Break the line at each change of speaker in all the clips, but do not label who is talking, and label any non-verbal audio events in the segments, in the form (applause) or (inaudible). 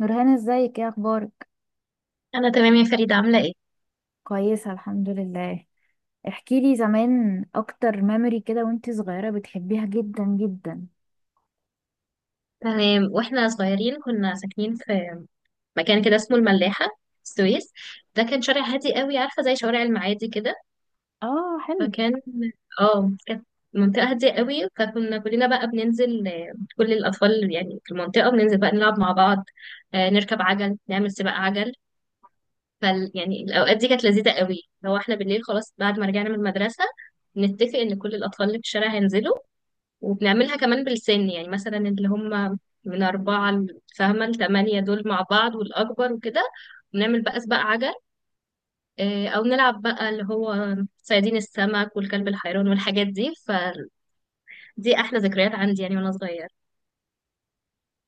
نورهان، ازيك؟ ايه اخبارك؟
انا تمام يا فريدة، عاملة ايه؟
كويسه الحمد لله. احكي لي زمان اكتر ميموري كده وانت صغيره بتحبيها جدا جدا.
تمام. واحنا صغيرين كنا ساكنين في مكان كده اسمه الملاحة، السويس. ده كان شارع هادي قوي، عارفة زي شوارع المعادي كده.
اه، حلو.
فكان اه كانت منطقة هادية قوي. فكنا كلنا بقى بننزل، كل الأطفال يعني في المنطقة بننزل بقى نلعب مع بعض. نركب عجل، نعمل سباق عجل. يعني الأوقات دي كانت لذيذة قوي. لو احنا بالليل خلاص بعد ما رجعنا من المدرسة نتفق إن كل الأطفال اللي في الشارع هينزلوا، وبنعملها كمان بالسن، يعني مثلا اللي هم من أربعة فاهمة، لتمانية دول مع بعض، والأكبر وكده. ونعمل بقى سباق عجل. أو نلعب بقى اللي هو صيادين السمك والكلب الحيران والحاجات دي. فدي أحلى ذكريات عندي، يعني وأنا صغير.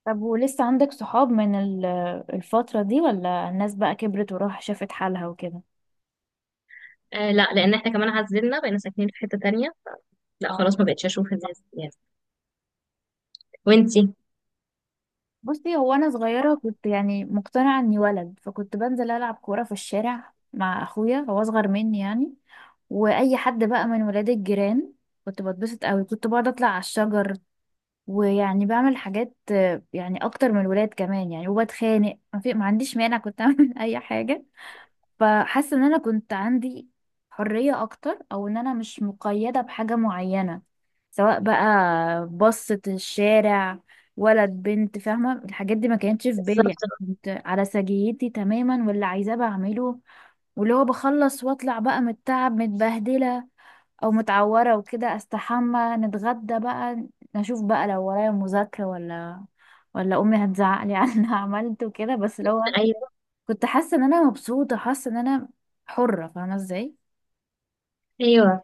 طب ولسه عندك صحاب من الفتره دي، ولا الناس بقى كبرت وراح شافت حالها وكده؟
آه لا، لأن احنا كمان عزلنا، بقينا ساكنين في حتة تانية. لا خلاص،
اه.
ما بقتش أشوف الناس يعني. وانتي؟
بصي، هو انا صغيره كنت يعني مقتنعه اني ولد، فكنت بنزل العب كوره في الشارع مع اخويا، هو اصغر مني يعني. واي حد بقى من ولاد الجيران. كنت بتبسط قوي، كنت بقعد اطلع على الشجر ويعني بعمل حاجات، يعني اكتر من الولاد كمان يعني. وبتخانق، ما عنديش مانع، كنت اعمل (laughs) اي حاجه. فحاسه ان انا كنت عندي حريه اكتر، او ان انا مش مقيده بحاجه معينه. سواء بقى بصة الشارع، ولد بنت، فاهمه؟ الحاجات دي ما كانتش في بالي يعني.
بالظبط.
كنت على سجيتي تماما، واللي عايزاه بعمله. واللي هو بخلص واطلع بقى متعب متبهدله او متعوره وكده، استحمى، نتغدى بقى، نشوف بقى لو ورايا مذاكره ولا امي هتزعق لي على اللي (laughs) انا عملته كده. بس لو
أيوه.
كنت حاسه ان انا مبسوطه، حاسه ان انا حره، فاهمه ازاي؟
أيوه.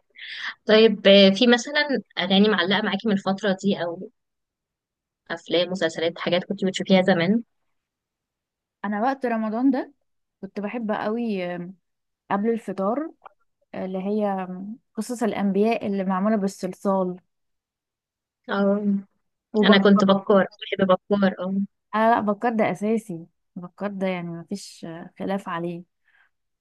طيب، في مثلا أغاني معلقة معاكي من الفترة دي، أو أفلام، مسلسلات، حاجات كنت بتشوفيها زمان؟
انا وقت رمضان ده كنت بحب قوي قبل الفطار، اللي هي قصص الانبياء اللي معموله بالصلصال.
اه، انا كنت
وبكار.
بكار. بحب بكار، اه.
انا لا، بكار ده اساسي. بكار ده يعني مفيش خلاف عليه.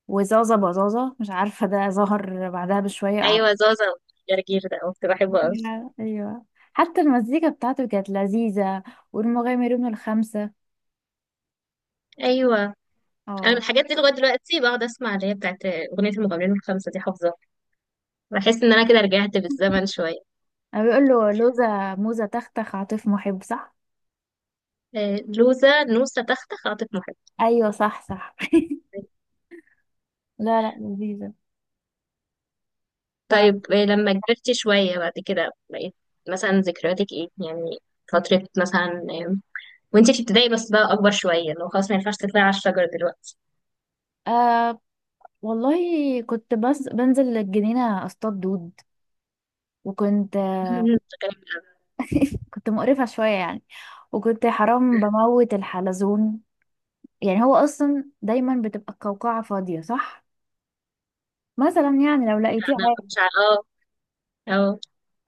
وزازة بزازة مش عارفة، ده ظهر بعدها بشوية.
ايوه، زازا. والجرجير ده كنت بحبه قوي.
ايوه. حتى المزيكا بتاعته كانت لذيذة. والمغامرون الخمسة.
ايوه. انا من
اه.
الحاجات دي لغايه دلوقتي بقعد اسمع اللي هي بتاعت اغنيه المغامرين الخمسه دي، حافظاها. بحس ان انا كده رجعت بالزمن شويه.
انا بيقول له لوزة موزة تختخ عاطف محب، صح؟
لوزه، نوسه، تخته، خاطف، محب.
ايوه، صح صح. (laughs) لا لا، لذيذة. ف
طيب، لما كبرت شويه بعد كده بقيت مثلا ذكرياتك ايه يعني؟ فتره مثلا، وانتي في ابتدائي بس، بقى اكبر شويه لو خلاص ما ينفعش تطلعي على الشجر دلوقتي.
آه والله كنت بس بنزل الجنينة اصطاد دود. وكنت
(laughs)
كنت مقرفة شوية يعني. وكنت حرام بموت الحلزون. يعني هو اصلا دايما بتبقى القوقعة فاضية، صح؟ مثلا يعني لو لقيتيه
انا مش
عادي.
اه، اه.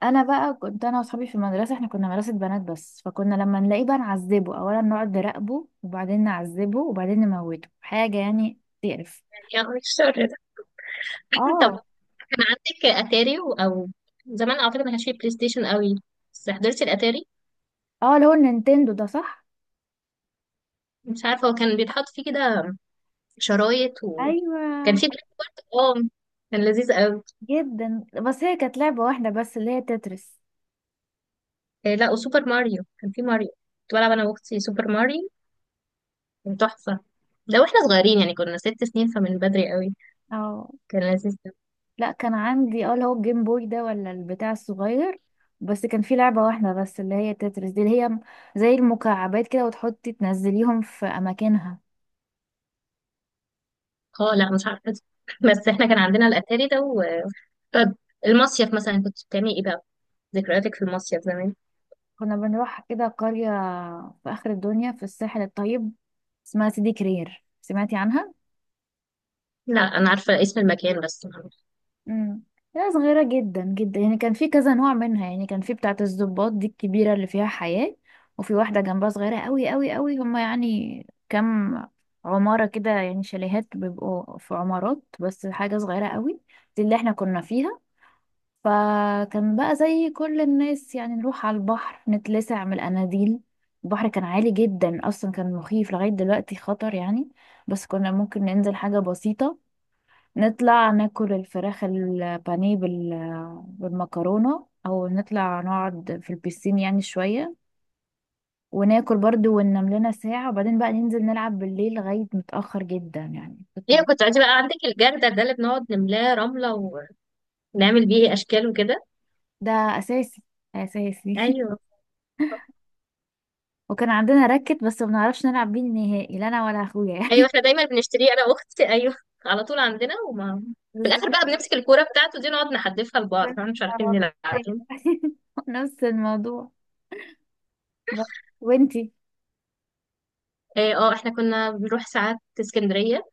انا بقى كنت انا واصحابي في المدرسه، احنا كنا مدرسه بنات بس، فكنا لما نلاقيه بقى نعذبه. اولا نقعد نراقبه، وبعدين نعذبه، وبعدين نموته. حاجه يعني تقرف.
يعني اه، الشر ده. (laughs) طب،
اه.
كان عندك اتاري او زمان، اعتقد ما كانش فيه بلاي ستيشن قوي بس حضرتي الاتاري.
اه، اللي هو النينتندو ده، صح؟
مش عارفه هو كان بيتحط فيه كده شرايط،
ايوه،
وكان فيه بلاك بورد، اه. كان لذيذ قوي.
جدا. بس هي كانت لعبه واحده بس اللي هي تترس.
إيه لا، وسوبر ماريو، كان فيه ماريو، كنت بلعب انا واختي سوبر ماريو، كان تحفه. ده واحنا صغيرين يعني، كنا 6 سنين، فمن بدري قوي.
اه،
كان لذيذ ده.
لا، كان عندي اللي هو الجيم بوي ده ولا البتاع الصغير. بس كان في لعبه واحده بس اللي هي تترس دي، اللي هي زي المكعبات كده، وتحطي تنزليهم في اماكنها.
اه لا، مش عارفه. (laughs) بس احنا كان عندنا الاتاري ده و... طب، المصيف مثلا كنت بتعملي ايه بقى؟ ذكرياتك في المصيف زمان.
كنا بنروح كده قرية في آخر الدنيا في الساحل الطيب، اسمها سيدي كرير، سمعتي عنها؟
لا انا عارفه اسم المكان بس.
امم. لا، صغيرة جدا جدا يعني. كان في كذا نوع منها، يعني كان في بتاعة الضباط دي الكبيرة اللي فيها حياة، وفي واحدة جنبها صغيرة قوي قوي قوي. هما يعني كام عمارة كده يعني، شاليهات بيبقوا في عمارات، بس حاجة صغيرة قوي. دي اللي احنا كنا فيها. فكان بقى زي كل الناس، يعني نروح على البحر، نتلسع من الاناديل. البحر كان عالي جدا اصلا، كان مخيف، لغاية دلوقتي خطر يعني. بس كنا ممكن ننزل حاجة بسيطة. نطلع ناكل الفراخ البانيه بالمكرونة، او نطلع نقعد في البيسين يعني شوية، وناكل برضو، وننام لنا ساعة. وبعدين بقى ننزل نلعب بالليل لغاية متأخر جدا يعني.
هي كنت عايزة بقى عندك الجردل ده اللي بنقعد نملاه رملة ونعمل بيه أشكال وكده.
ده اساسي. اساسي.
أيوه.
(laughs) وكان عندنا راكت، بس ما بنعرفش نلعب بيه نهائي، لا انا ولا اخويا.
أيوه، احنا دايما بنشتريه أنا وأختي (laughs) أيوه. على طول عندنا، وما في الآخر
بالظبط.
بقى بنمسك الكورة بتاعته دي، نقعد نحدفها لبعض،
وانت،
فاحنا مش عارفين نلعب.
ايوه.
فاهم؟
(laughs) نفس الموضوع. بس وانتي؟
اه، احنا كنا بنروح ساعات اسكندرية.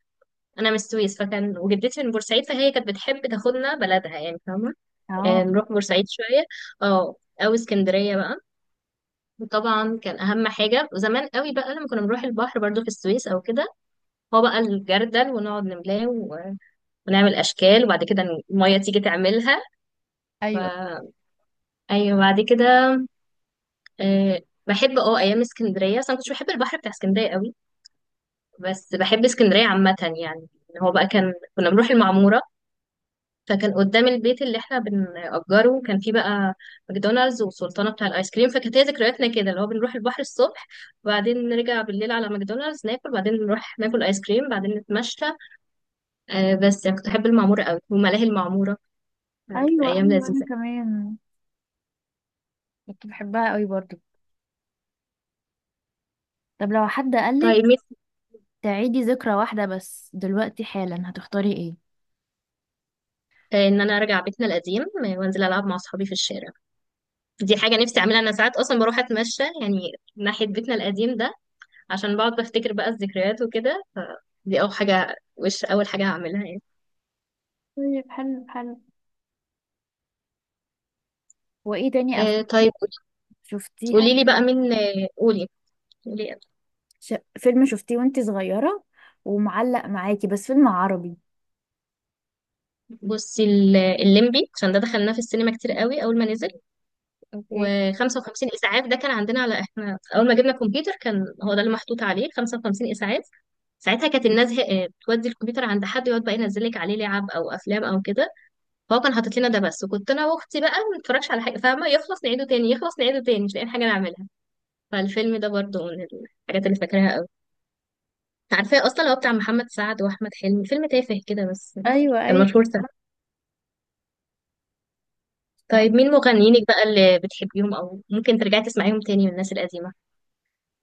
أنا من السويس، فكان وجدتي من بورسعيد، فهي كانت بتحب تاخدنا بلدها، يعني فاهمة.
اه.
نروح بورسعيد شوية، اه، أو اسكندرية بقى. وطبعا كان أهم حاجة، وزمان قوي بقى لما كنا بنروح البحر برضو في السويس أو كده، هو بقى الجردل، ونقعد نملاه ونعمل اشكال، وبعد كده الميه تيجي تعملها. ف...
ايوه
ايوه، بعد كده، آه، بحب اه ايام اسكندريه. بس انا كنتش بحب البحر بتاع اسكندريه قوي، بس بحب اسكندريه عامه يعني. إن هو بقى كان كنا بنروح المعموره، فكان قدام البيت اللي احنا بنأجره كان فيه بقى ماكدونالدز وسلطانه بتاع الايس كريم، فكانت هي ذكرياتنا كده اللي هو بنروح البحر الصبح، وبعدين نرجع بالليل على ماكدونالدز ناكل، بعدين نروح ناكل ايس كريم، بعدين نتمشى. بس يعني كنت بحب المعموره قوي وملاهي المعموره. كانت
ايوه
أيام
ايوه، انا
لذيذة.
كمان كنت بحبها قوي برضو. طب لو حد قالك
طيب نفسي،
تعيدي ذكرى واحدة بس دلوقتي حالا، هتختاري ايه؟
إن أنا أرجع بيتنا القديم، وأنزل ألعب مع أصحابي في الشارع. دي حاجة نفسي أعملها. أنا ساعات أصلا بروح أتمشى يعني ناحية بيتنا القديم ده، عشان بقعد بفتكر بقى الذكريات وكده. فدي أول حاجة، وش أول حاجة هعملها يعني.
طيب، حلو حلو. وايه تاني
آه طيب.
شفتيها؟
قولي لي بقى مين، قولي، قولي.
فيلم شفتيه وانتي صغيرة ومعلق معاكي، بس فيلم عربي.
بصي الليمبي، عشان ده دخلناه في السينما كتير قوي أول ما نزل.
اوكي.
و55 اسعاف، ده كان عندنا على احنا اول ما جبنا كمبيوتر، كان هو ده اللي محطوط عليه 55 اسعاف. ساعتها كانت الناس بتودي الكمبيوتر عند حد يقعد بقى ينزل لك عليه لعب او افلام او كده. فهو كان حاطط لنا ده بس، وكنت انا واختي بقى ما بنتفرجش على حاجه، فاهمه؟ يخلص نعيده تاني، يخلص نعيده تاني، مش لاقيين حاجه نعملها. فالفيلم ده برضه من الحاجات اللي فاكراها قوي. عارفاه اصلا هو بتاع محمد سعد واحمد حلمي، فيلم تافه كده بس
ايوه
كان
ايوه.
مشهور سنة. طيب، مين مغنيينك بقى اللي بتحبيهم، او ممكن ترجعي تسمعيهم تاني، من الناس القديمه؟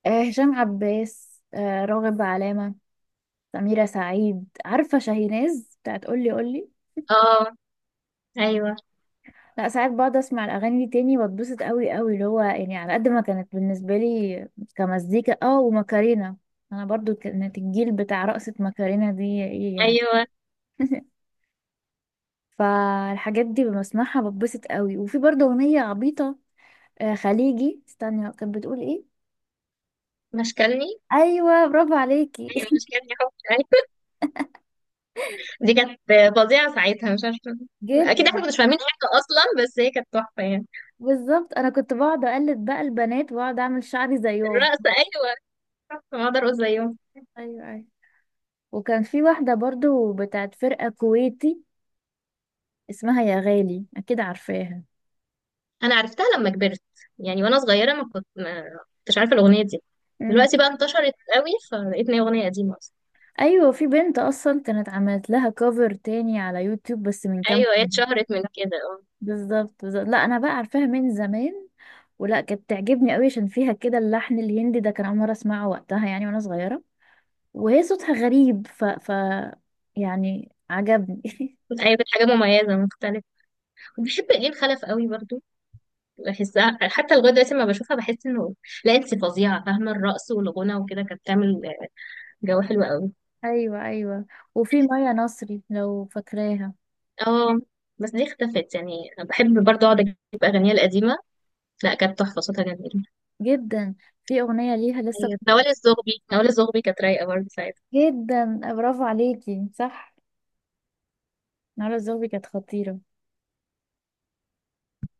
هشام عباس، راغب علامة، سميرة سعيد. عارفة شاهيناز بتاعت قولي قولي؟
اه. ايوه.
لا، ساعات بقعد اسمع الاغاني دي تاني، بتبسط قوي قوي، اللي هو يعني على قد ما كانت بالنسبة لي كمزيكا. اه، وماكارينا. انا برضو كانت الجيل بتاع رقصة ماكارينا دي، ايه يعني.
ايوه،
(laughs) فالحاجات دي بسمعها بتبسط قوي. وفي برضو اغنية عبيطة، خليجي، استني كانت بتقول ايه.
مشكلني.
ايوه، برافو عليكي.
ايوه، مشكلني حب، أيوة. دي كانت فظيعه ساعتها، مش عارفه.
(laughs) جد.
اكيد احنا كناش فاهمين حاجه اصلا، بس هي كانت تحفه يعني.
بالظبط، انا كنت بقعد اقلد بقى البنات، واقعد اعمل شعري زيهم.
الرقص، ايوه. تحفه، ما اقدر اقول زيهم.
ايوه ايوه. وكان في واحدة برضو بتاعت فرقة كويتي، اسمها يا غالي، أكيد عارفاها.
انا عرفتها لما كبرت، يعني وانا صغيره ما كنتش عارفه الاغنيه دي.
امم.
دلوقتي بقى انتشرت قوي، فلقيت ان هي اغنيه قديمه اصلا.
أيوة، في بنت أصلا كانت عملت لها كفر تاني على يوتيوب بس من كام
ايوه، هي
سنة.
اتشهرت من كده، اه.
بالظبط بالظبط. لا، أنا بقى عارفاها من زمان، ولا كانت تعجبني قوي، عشان فيها كده اللحن الهندي ده، كان أول مرة أسمعه وقتها يعني وأنا صغيرة. وهي صوتها غريب، يعني عجبني. (laughs)
ايوه، كانت حاجه مميزه، مختلفه. بحب ايه الخلف قوي برضو. بحسها حتى لغايه دلوقتي لما بشوفها، بحس انه لا انت فظيعه، فاهمه؟ الرقص والغنى وكده كانت بتعمل جو حلو قوي.
أيوة أيوة. وفي مايا نصري، لو فاكراها.
اه، بس دي اختفت يعني. أنا بحب برضه اقعد اجيب اغانيها القديمة. لا كانت تحفة، صوتها جميل.
جدا. في أغنية ليها لسه.
أيوة، نوال الزغبي، نوال الزغبي كانت رايقة برضه.
جدا، برافو عليكي، صح. نهار الزوبي كانت خطيرة.